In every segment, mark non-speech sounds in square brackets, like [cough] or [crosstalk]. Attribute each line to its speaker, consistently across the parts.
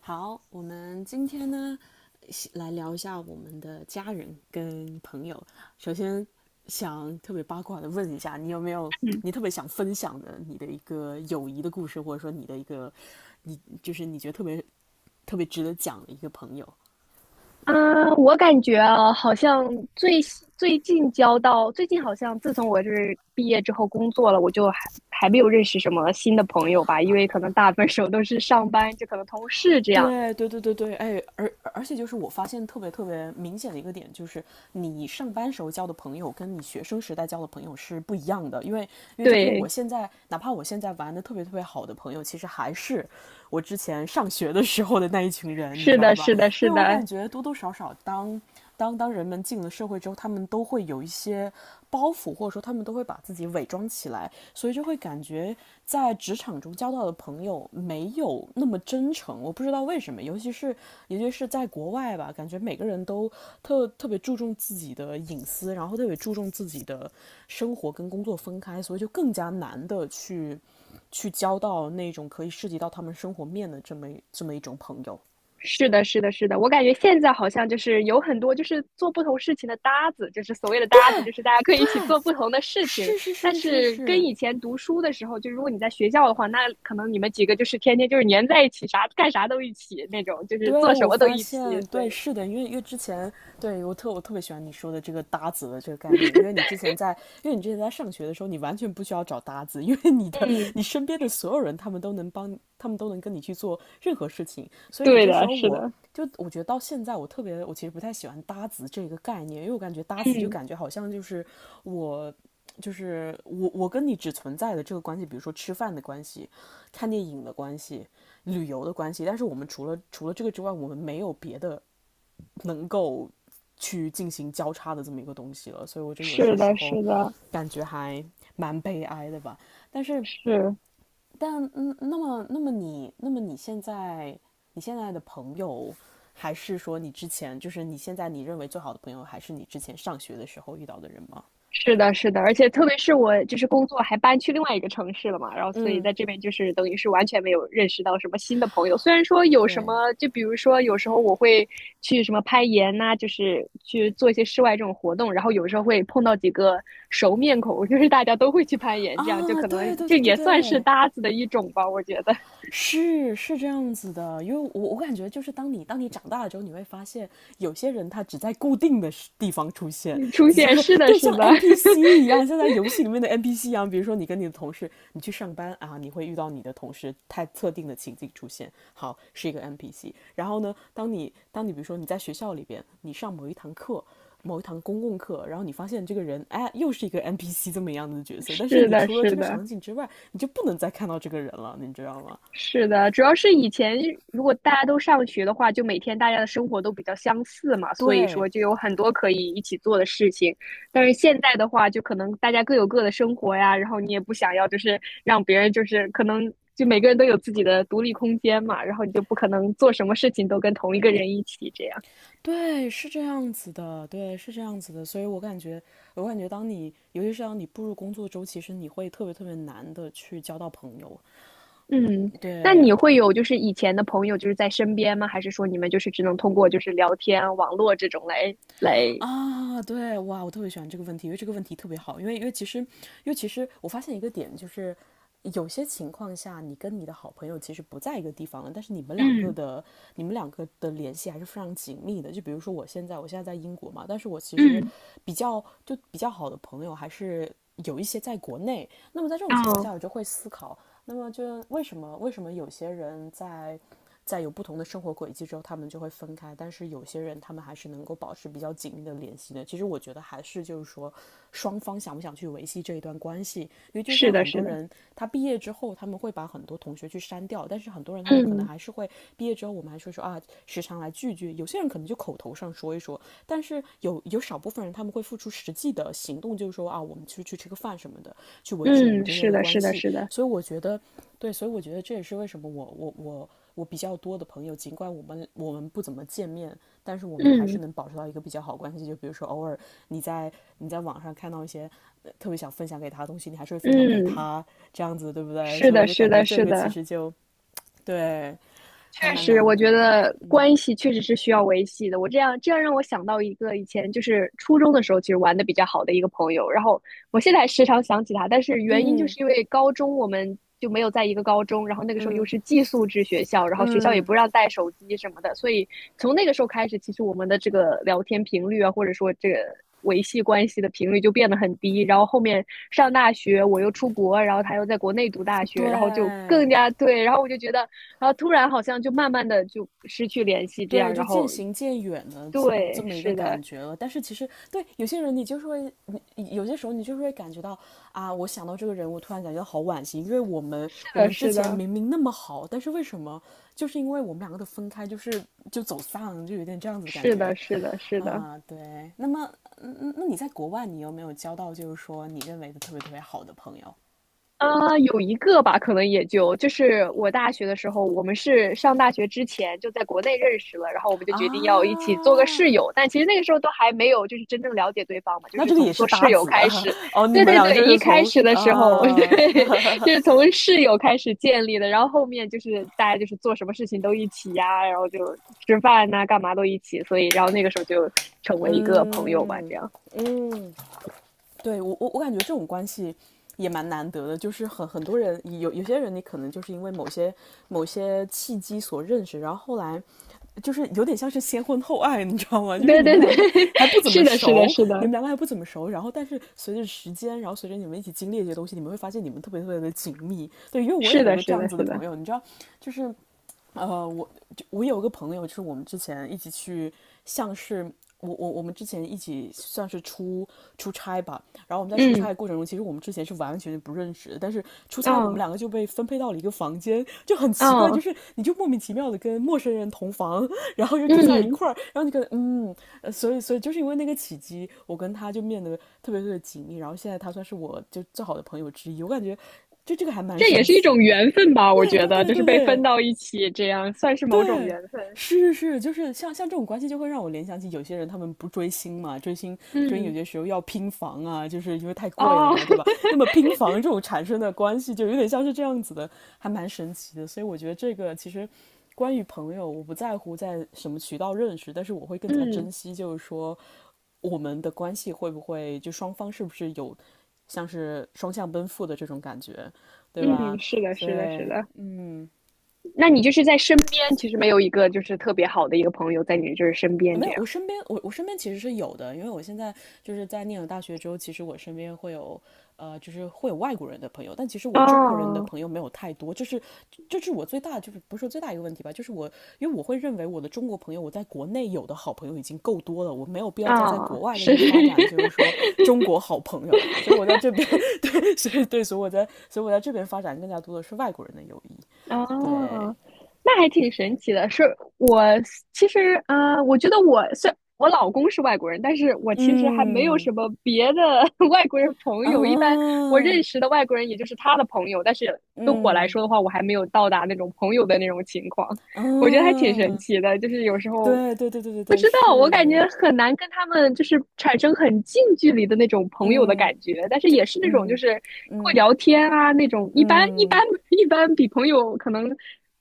Speaker 1: 好，我们今天呢来聊一下我们的家人跟朋友。首先想特别八卦的问一下，你有没有
Speaker 2: 嗯
Speaker 1: 你特别想分享的你的一个友谊的故事，或者说你的一个你就是你觉得特别特别值得讲的一个朋友？
Speaker 2: 啊，我感觉啊，好像最新最近交到最近好像自从我就是毕业之后工作了，我就还没有认识什么新的朋友吧，因为可能大部分时候都是上班，就可能同事这样。
Speaker 1: 对对对对对，哎，而且就是我发现特别特别明显的一个点，就是你上班时候交的朋友跟你学生时代交的朋友是不一样的，因为就是我
Speaker 2: 对，
Speaker 1: 现在哪怕我现在玩的特别特别好的朋友，其实还是我之前上学的时候的那一群人，你知
Speaker 2: 是
Speaker 1: 道
Speaker 2: 的，
Speaker 1: 吧？
Speaker 2: 是的，
Speaker 1: 因
Speaker 2: 是
Speaker 1: 为我感
Speaker 2: 的，
Speaker 1: 觉多多少少当人们进了社会之后，他们都会有一些包袱，或者说他们都会把自己伪装起来，所以就会感觉在职场中交到的朋友没有那么真诚。我不知道为什么，尤其是在国外吧，感觉每个人都特别注重自己的隐私，然后特别注重自己的生活跟工作分开，所以就更加难的去交到那种可以涉及到他们生活面的这么一种朋友。
Speaker 2: 是的，是的，是的，我感觉现在好像就是有很多就是做不同事情的搭子，就是所谓的搭子，就是大家可以一起做不同的事情。
Speaker 1: 是是
Speaker 2: 但
Speaker 1: 是是
Speaker 2: 是跟
Speaker 1: 是，
Speaker 2: 以前读书的时候，就如果你在学校的话，那可能你们几个就是天天就是黏在一起，啥干啥都一起那种，就是
Speaker 1: 对，
Speaker 2: 做什
Speaker 1: 我
Speaker 2: 么都
Speaker 1: 发
Speaker 2: 一起。
Speaker 1: 现，
Speaker 2: 所以，
Speaker 1: 对，是的，因为之前，我特别喜欢你说的这个搭子的这个概念，因为你之前在上学的时候，你完全不需要找搭子，因为你的
Speaker 2: 嗯，
Speaker 1: 你身边的所有人，他们都能跟你去做任何事情，所以有
Speaker 2: 对
Speaker 1: 些时
Speaker 2: 的，
Speaker 1: 候
Speaker 2: 是
Speaker 1: 我。
Speaker 2: 的，
Speaker 1: 就我觉得到现在，我特别，我其实不太喜欢搭子这个概念，因为我感觉搭子就
Speaker 2: 嗯，
Speaker 1: 感觉好像就是我，我跟你只存在的这个关系，比如说吃饭的关系、看电影的关系，旅游的关系，但是我们除了这个之外，我们没有别的能够去进行交叉的这么一个东西了，所以我就有
Speaker 2: 是
Speaker 1: 些时
Speaker 2: 的，
Speaker 1: 候
Speaker 2: 是的，
Speaker 1: 感觉还蛮悲哀的吧。但是，
Speaker 2: 是。
Speaker 1: 但嗯，那么你现在你现在的朋友，还是说你之前就是你现在你认为最好的朋友，还是你之前上学的时候遇到的人吗？
Speaker 2: 是的，是的，而且特别是我就是工作还搬去另外一个城市了嘛，然后所以
Speaker 1: 嗯，
Speaker 2: 在这边就是等于是完全没有认识到什么新的朋友。虽然说有什
Speaker 1: 对
Speaker 2: 么，就比如说有时候我会去什么攀岩呐、就是去做一些室外这种活动，然后有时候会碰到几个熟面孔，就是大家都会去攀岩，这样就
Speaker 1: 啊，
Speaker 2: 可能
Speaker 1: 对对
Speaker 2: 这
Speaker 1: 对对
Speaker 2: 也算是
Speaker 1: 对，
Speaker 2: 搭子的一种吧，我觉得。[laughs]
Speaker 1: 是是这样子的，因为我感觉就是当你长大了之后，你会发现有些人他只在固定的地方出现，
Speaker 2: 你出
Speaker 1: 只
Speaker 2: 现，
Speaker 1: 在
Speaker 2: 是的，
Speaker 1: 对像
Speaker 2: 是的，[laughs]
Speaker 1: NPC 一样，像在游戏里面的 NPC 一样。比如说你跟你的同事，你去上班啊，你会遇到你的同事，他特定的情景出现，好是一个 NPC。然后呢，当你比如说你在学校里边，你上某一堂课。某一堂公共课，然后你发现这个人，哎，又是一个 NPC 这么样的角色，但是
Speaker 2: 是
Speaker 1: 你
Speaker 2: 的，
Speaker 1: 除了这
Speaker 2: 是
Speaker 1: 个
Speaker 2: 的。
Speaker 1: 场景之外，你就不能再看到这个人了，你知道吗？
Speaker 2: 是的，主要是以前如果大家都上学的话，就每天大家的生活都比较相似嘛，所以
Speaker 1: 对，
Speaker 2: 说就有很多可以一起做的事情。但是现在的话，就可能大家各有各的生活呀，然后你也不想要就是让别人就是可能就每个人都有自己的独立空间嘛，然后你就不可能做什么事情都跟同一个人一起这样。
Speaker 1: 对，是这样子的，对，是这样子的。所以我感觉,当你，尤其是当你步入工作周，其实你会特别特别难的去交到朋友。
Speaker 2: 嗯，那
Speaker 1: 对，
Speaker 2: 你会有就是以前的朋友就是在身边吗？还是说你们就是只能通过就是聊天啊、网络这种来？
Speaker 1: 对，哇，我特别喜欢这个问题，因为这个问题特别好，因为其实我发现一个点就是。有些情况下，你跟你的好朋友其实不在一个地方了，但是
Speaker 2: 嗯
Speaker 1: 你们两个的联系还是非常紧密的。就比如说我现在在英国嘛，但是我其实
Speaker 2: 嗯，
Speaker 1: 就比较好的朋友还是有一些在国内。那么在这种情况
Speaker 2: 哦，
Speaker 1: 下，我就会思考，那么就为什么有些人在有不同的生活轨迹之后，他们就会分开。但是有些人，他们还是能够保持比较紧密的联系的。其实我觉得还是就是说，双方想不想去维系这一段关系。因为就
Speaker 2: 是
Speaker 1: 像
Speaker 2: 的，
Speaker 1: 很
Speaker 2: 是
Speaker 1: 多
Speaker 2: 的。
Speaker 1: 人，他毕业之后，他们会把很多同学去删掉，但是很多人他们可能
Speaker 2: 嗯
Speaker 1: 还是会毕业之后，我们还是会说啊，时常来聚聚。有些人可能就口头上说一说，但是有少部分人他们会付出实际的行动，就是说啊，我们去吃个饭什么的，去维持我们
Speaker 2: 嗯，
Speaker 1: 之间
Speaker 2: 是
Speaker 1: 的
Speaker 2: 的，
Speaker 1: 关
Speaker 2: 是的，
Speaker 1: 系。
Speaker 2: 是的，
Speaker 1: 所以我觉得对，所以我觉得这也是为什么我比较多的朋友，尽管我们不怎么见面，但是我们还是
Speaker 2: 嗯
Speaker 1: 能保持到一个比较好关系。就比如说，偶尔你在你在网上看到特别想分享给他的东西，你还是会分享给
Speaker 2: 嗯，
Speaker 1: 他，这样子对不对？
Speaker 2: 是
Speaker 1: 所以我
Speaker 2: 的，
Speaker 1: 就
Speaker 2: 是
Speaker 1: 感觉
Speaker 2: 的，
Speaker 1: 这
Speaker 2: 是
Speaker 1: 个其
Speaker 2: 的，
Speaker 1: 实就对，还
Speaker 2: 确
Speaker 1: 蛮
Speaker 2: 实，
Speaker 1: 难
Speaker 2: 我觉
Speaker 1: 得的。
Speaker 2: 得关系确实是需要维系的。我这样让我想到一个以前就是初中的时候，其实玩的比较好的一个朋友，然后我现在还时常想起他，但是原因就是
Speaker 1: 嗯
Speaker 2: 因为高中我们就没有在一个高中，然后那个时候又
Speaker 1: 嗯
Speaker 2: 是寄宿制学校，然后学校也
Speaker 1: 嗯，
Speaker 2: 不让带手机什么的，所以从那个时候开始，其实我们的这个聊天频率啊，或者说这个维系关系的频率就变得很低。然后后面上大学，我又出国，然后他又在国内读大学，然后就
Speaker 1: 对
Speaker 2: 更加对，然后我就觉得。然后突然好像就慢慢的就失去联系，这
Speaker 1: 对，
Speaker 2: 样，
Speaker 1: 就
Speaker 2: 然
Speaker 1: 渐
Speaker 2: 后
Speaker 1: 行渐远的这
Speaker 2: 对，
Speaker 1: 么一个
Speaker 2: 是
Speaker 1: 感
Speaker 2: 的，
Speaker 1: 觉了。但是其实对有些人，你就是会，你有些时候你就是会感觉到啊，我想到这个人，我突然感觉到好惋惜，因为我们之
Speaker 2: 是
Speaker 1: 前
Speaker 2: 的，
Speaker 1: 明明那么好，但是为什么就是因为我们两个的分开，就走散，就有点这样子的感
Speaker 2: 是
Speaker 1: 觉
Speaker 2: 的，是的，是的，是的，
Speaker 1: 啊。对，那么那你在国外，你有没有交到就是说你认为的特别特别好的朋友
Speaker 2: 啊，有一个吧，可能也就就是我大学的时候，我们是上大学之前就在国内认识了，然后我们就决定要一起做个
Speaker 1: 啊？
Speaker 2: 室友，但其实那个时候都还没有就是真正了解对方嘛，就
Speaker 1: 那
Speaker 2: 是
Speaker 1: 这个也
Speaker 2: 从
Speaker 1: 是
Speaker 2: 做
Speaker 1: 搭
Speaker 2: 室友
Speaker 1: 子
Speaker 2: 开始，
Speaker 1: [laughs] 哦，你
Speaker 2: 对
Speaker 1: 们
Speaker 2: 对
Speaker 1: 两个
Speaker 2: 对，
Speaker 1: 就是
Speaker 2: 一开
Speaker 1: 从
Speaker 2: 始的时候，[laughs]
Speaker 1: 啊
Speaker 2: 对，就是从室友开始建立的，然后后面就是大家就是做什么事情都一起呀，然后就吃饭呐、干嘛都一起，所以然后那个时候就成为一个朋友吧，
Speaker 1: 嗯
Speaker 2: 这样，
Speaker 1: 嗯，对我感觉这种关系也蛮难得的，就是很多人有些人你可能就是因为某些契机所认识，然后后来就是有点像是先婚后爱，你知道吗？
Speaker 2: 对对对，[laughs] 是的，是的，是
Speaker 1: 你
Speaker 2: 的，
Speaker 1: 们两个还不怎么熟，然后但是随着时间，然后随着你们一起经历这些东西，你们会发现你们特别特别的紧密。对，因为我也
Speaker 2: 是
Speaker 1: 有
Speaker 2: 的，
Speaker 1: 个这
Speaker 2: 是
Speaker 1: 样
Speaker 2: 的，
Speaker 1: 子的
Speaker 2: 是的，
Speaker 1: 朋友，你知道，就是呃，我就我有个朋友，就是我们之前一起去，像是我我们之前一起算是出差吧。然后我们在出差
Speaker 2: 嗯。
Speaker 1: 的过程中，其实我们之前是完完全全不认识的，但是出差我们
Speaker 2: 嗯
Speaker 1: 两个就被分配到了一个房间，就很奇怪，就
Speaker 2: 嗯
Speaker 1: 是你就莫名其妙的跟陌生人同房，然后又住在一
Speaker 2: 嗯，
Speaker 1: 块儿，然后你可能所以所以就是因为那个契机，我跟他就变得特别特别紧密。然后现在他算是我就最好的朋友之一，我感觉就这个还蛮
Speaker 2: 这也
Speaker 1: 神
Speaker 2: 是一
Speaker 1: 奇
Speaker 2: 种
Speaker 1: 的。
Speaker 2: 缘分吧？我
Speaker 1: 对
Speaker 2: 觉
Speaker 1: 对
Speaker 2: 得，
Speaker 1: 对
Speaker 2: 就是
Speaker 1: 对
Speaker 2: 被分
Speaker 1: 对。
Speaker 2: 到一起，这样算是某种
Speaker 1: 对，
Speaker 2: 缘分。
Speaker 1: 是是是，就是像这种关系，就会让我联想起有些人他们不追星嘛，追星有
Speaker 2: 嗯，
Speaker 1: 些时候要拼房啊，就是因为太贵了
Speaker 2: 哦，
Speaker 1: 嘛，对吧？那么拼房这种产生的关系，就有点像是这样子的，还蛮神奇的。所以我觉得这个其实。关于朋友，我不在乎在什么渠道认识，但是我会
Speaker 2: [laughs]
Speaker 1: 更加
Speaker 2: 嗯
Speaker 1: 珍惜，就是说我们的关系会不会双方是不是有像是双向奔赴的这种感觉，对吧？
Speaker 2: 嗯，是的，
Speaker 1: 所
Speaker 2: 是的，是
Speaker 1: 以，
Speaker 2: 的。
Speaker 1: 嗯。
Speaker 2: 那你就是在身边，其实没有一个就是特别好的一个朋友在你就是身边
Speaker 1: 没
Speaker 2: 这
Speaker 1: 有，我
Speaker 2: 样。
Speaker 1: 身边我我身边其实是有的。因为我现在就是在念了大学之后，其实我身边会有就是会有外国人的朋友，但其实我中国人的
Speaker 2: 哦
Speaker 1: 朋友没有太多。就是这是我最大，就是不是说最大一个问题吧。就是因为我会认为我的中国朋友，我在国内有的好朋友已经够多了，我没有必要再在国
Speaker 2: 哦，
Speaker 1: 外再
Speaker 2: 是，
Speaker 1: 去发展，就是说
Speaker 2: [laughs]
Speaker 1: 中国好朋友，所以我在这边 [laughs] 对，所以对，所以我在这边发展更加多的是外国人的友谊。对，
Speaker 2: 哦，那还挺神奇的。是我其实，我觉得我老公是外国人，但是我其实还没有
Speaker 1: 嗯
Speaker 2: 什么别的 [laughs] 外国人朋
Speaker 1: 啊，
Speaker 2: 友。一般我认识的外国人也就是他的朋友，但是对我来
Speaker 1: 嗯。
Speaker 2: 说的话，我还没有到达那种朋友的那种情况。我觉得还挺神
Speaker 1: 嗯，
Speaker 2: 奇的，就是有时候
Speaker 1: 对对对对对
Speaker 2: 不
Speaker 1: 对，
Speaker 2: 知道，我感
Speaker 1: 是，
Speaker 2: 觉很难跟他们就是产生很近距离的那种朋友的
Speaker 1: 嗯，
Speaker 2: 感觉，但是
Speaker 1: 就
Speaker 2: 也是那种就
Speaker 1: 嗯
Speaker 2: 是会
Speaker 1: 嗯
Speaker 2: 聊天啊那种，一般一般
Speaker 1: 嗯，
Speaker 2: 一般比朋友可能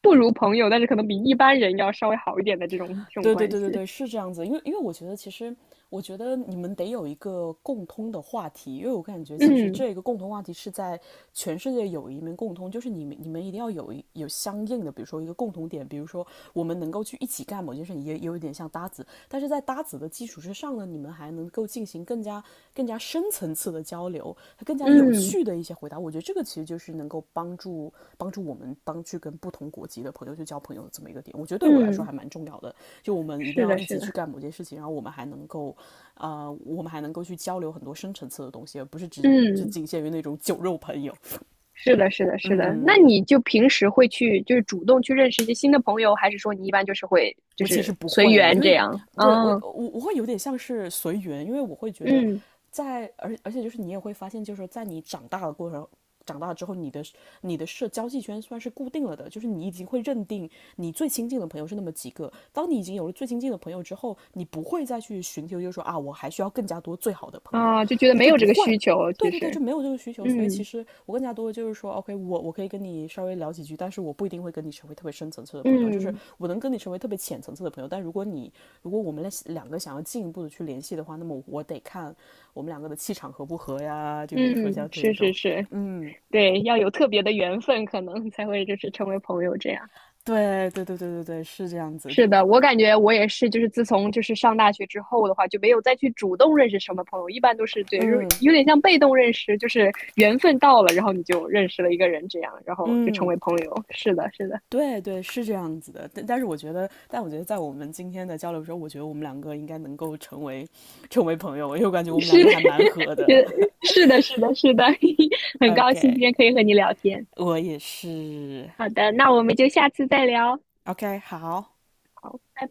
Speaker 2: 不如朋友，但是可能比一般人要稍微好一点的这种这种
Speaker 1: 对对
Speaker 2: 关
Speaker 1: 对对
Speaker 2: 系。
Speaker 1: 对，是这样子。因为我觉得其实，我觉得你们得有一个共通的话题。因为我感觉其实
Speaker 2: 嗯
Speaker 1: 这个共同话题是在全世界有一面共通，就是你们一定要有相应的，比如说一个共同点。比如说我们能够去一起干某件事情，也有一点像搭子，但是在搭子的基础之上呢，你们还能够进行更加深层次的交流，更加有
Speaker 2: 嗯
Speaker 1: 趣的一些回答。我觉得这个其实就是能够帮助我们当去跟不同国籍的朋友去交朋友的这么一个点，我觉得对我来说
Speaker 2: 嗯，
Speaker 1: 还蛮重要的。就我们一定
Speaker 2: 是
Speaker 1: 要
Speaker 2: 的，
Speaker 1: 一起
Speaker 2: 是
Speaker 1: 去
Speaker 2: 的，
Speaker 1: 干某件事情，然后我们还能够，我们还能够去交流很多深层次的东西，而不是只
Speaker 2: 嗯，
Speaker 1: 仅限于那种酒肉朋友。
Speaker 2: 是的，是的，是的。那
Speaker 1: 嗯，
Speaker 2: 你就平时会去就是主动去认识一些新的朋友，还是说你一般就是会就
Speaker 1: 我其实
Speaker 2: 是
Speaker 1: 不
Speaker 2: 随
Speaker 1: 会，因
Speaker 2: 缘这
Speaker 1: 为
Speaker 2: 样？
Speaker 1: 对我
Speaker 2: 啊，
Speaker 1: 我我会有点像是随缘，因为我会觉得
Speaker 2: 嗯
Speaker 1: 在，而且就是你也会发现，就是说在你长大的过程。长大之后，你的社交际圈算是固定了的，就是你已经会认定你最亲近的朋友是那么几个。当你已经有了最亲近的朋友之后，你不会再去寻求。就是说啊，我还需要更加多最好的朋友，
Speaker 2: 啊，就觉得没
Speaker 1: 就
Speaker 2: 有
Speaker 1: 不
Speaker 2: 这个需
Speaker 1: 会。
Speaker 2: 求，
Speaker 1: 对
Speaker 2: 其
Speaker 1: 对对，就
Speaker 2: 实。
Speaker 1: 没有这个需求。所以其
Speaker 2: 嗯
Speaker 1: 实我更加多的就是说，OK，我可以跟你稍微聊几句，但是我不一定会跟你成为特别深层次的朋友，就是
Speaker 2: 嗯
Speaker 1: 我能跟你成为特别浅层次的朋友。但如果我们两个想要进一步的去联系的话，那么我得看我们两个的气场合不合呀，就比如说
Speaker 2: 嗯，
Speaker 1: 像这一
Speaker 2: 是
Speaker 1: 种。
Speaker 2: 是是，
Speaker 1: 嗯，
Speaker 2: 对，要有特别的缘分，可能才会就是成为朋友这样。
Speaker 1: 对对对对对对，是这样子。
Speaker 2: 是的，我感觉我也是，就是自从就是上大学之后的话，就没有再去主动认识什么朋友，一般都是对，就
Speaker 1: 嗯
Speaker 2: 是有点像被动认识，就是缘分到了，然后你就认识了一个人这样，然后就成
Speaker 1: 嗯。
Speaker 2: 为朋友。是的，是的，
Speaker 1: 对对，是这样子的，但是我觉得，但我觉得在我们今天的交流中，我觉得我们两个应该能够成为朋友，因为我感觉我们两
Speaker 2: 是
Speaker 1: 个
Speaker 2: 的，
Speaker 1: 还蛮合
Speaker 2: [laughs]
Speaker 1: 的。
Speaker 2: 也
Speaker 1: [laughs]
Speaker 2: 是的，是的，是的，[laughs] 很高兴今
Speaker 1: OK，
Speaker 2: 天可以和你聊天。
Speaker 1: 我也是。
Speaker 2: 好的，那我们就下次再聊。
Speaker 1: OK，好。
Speaker 2: 好，拜拜。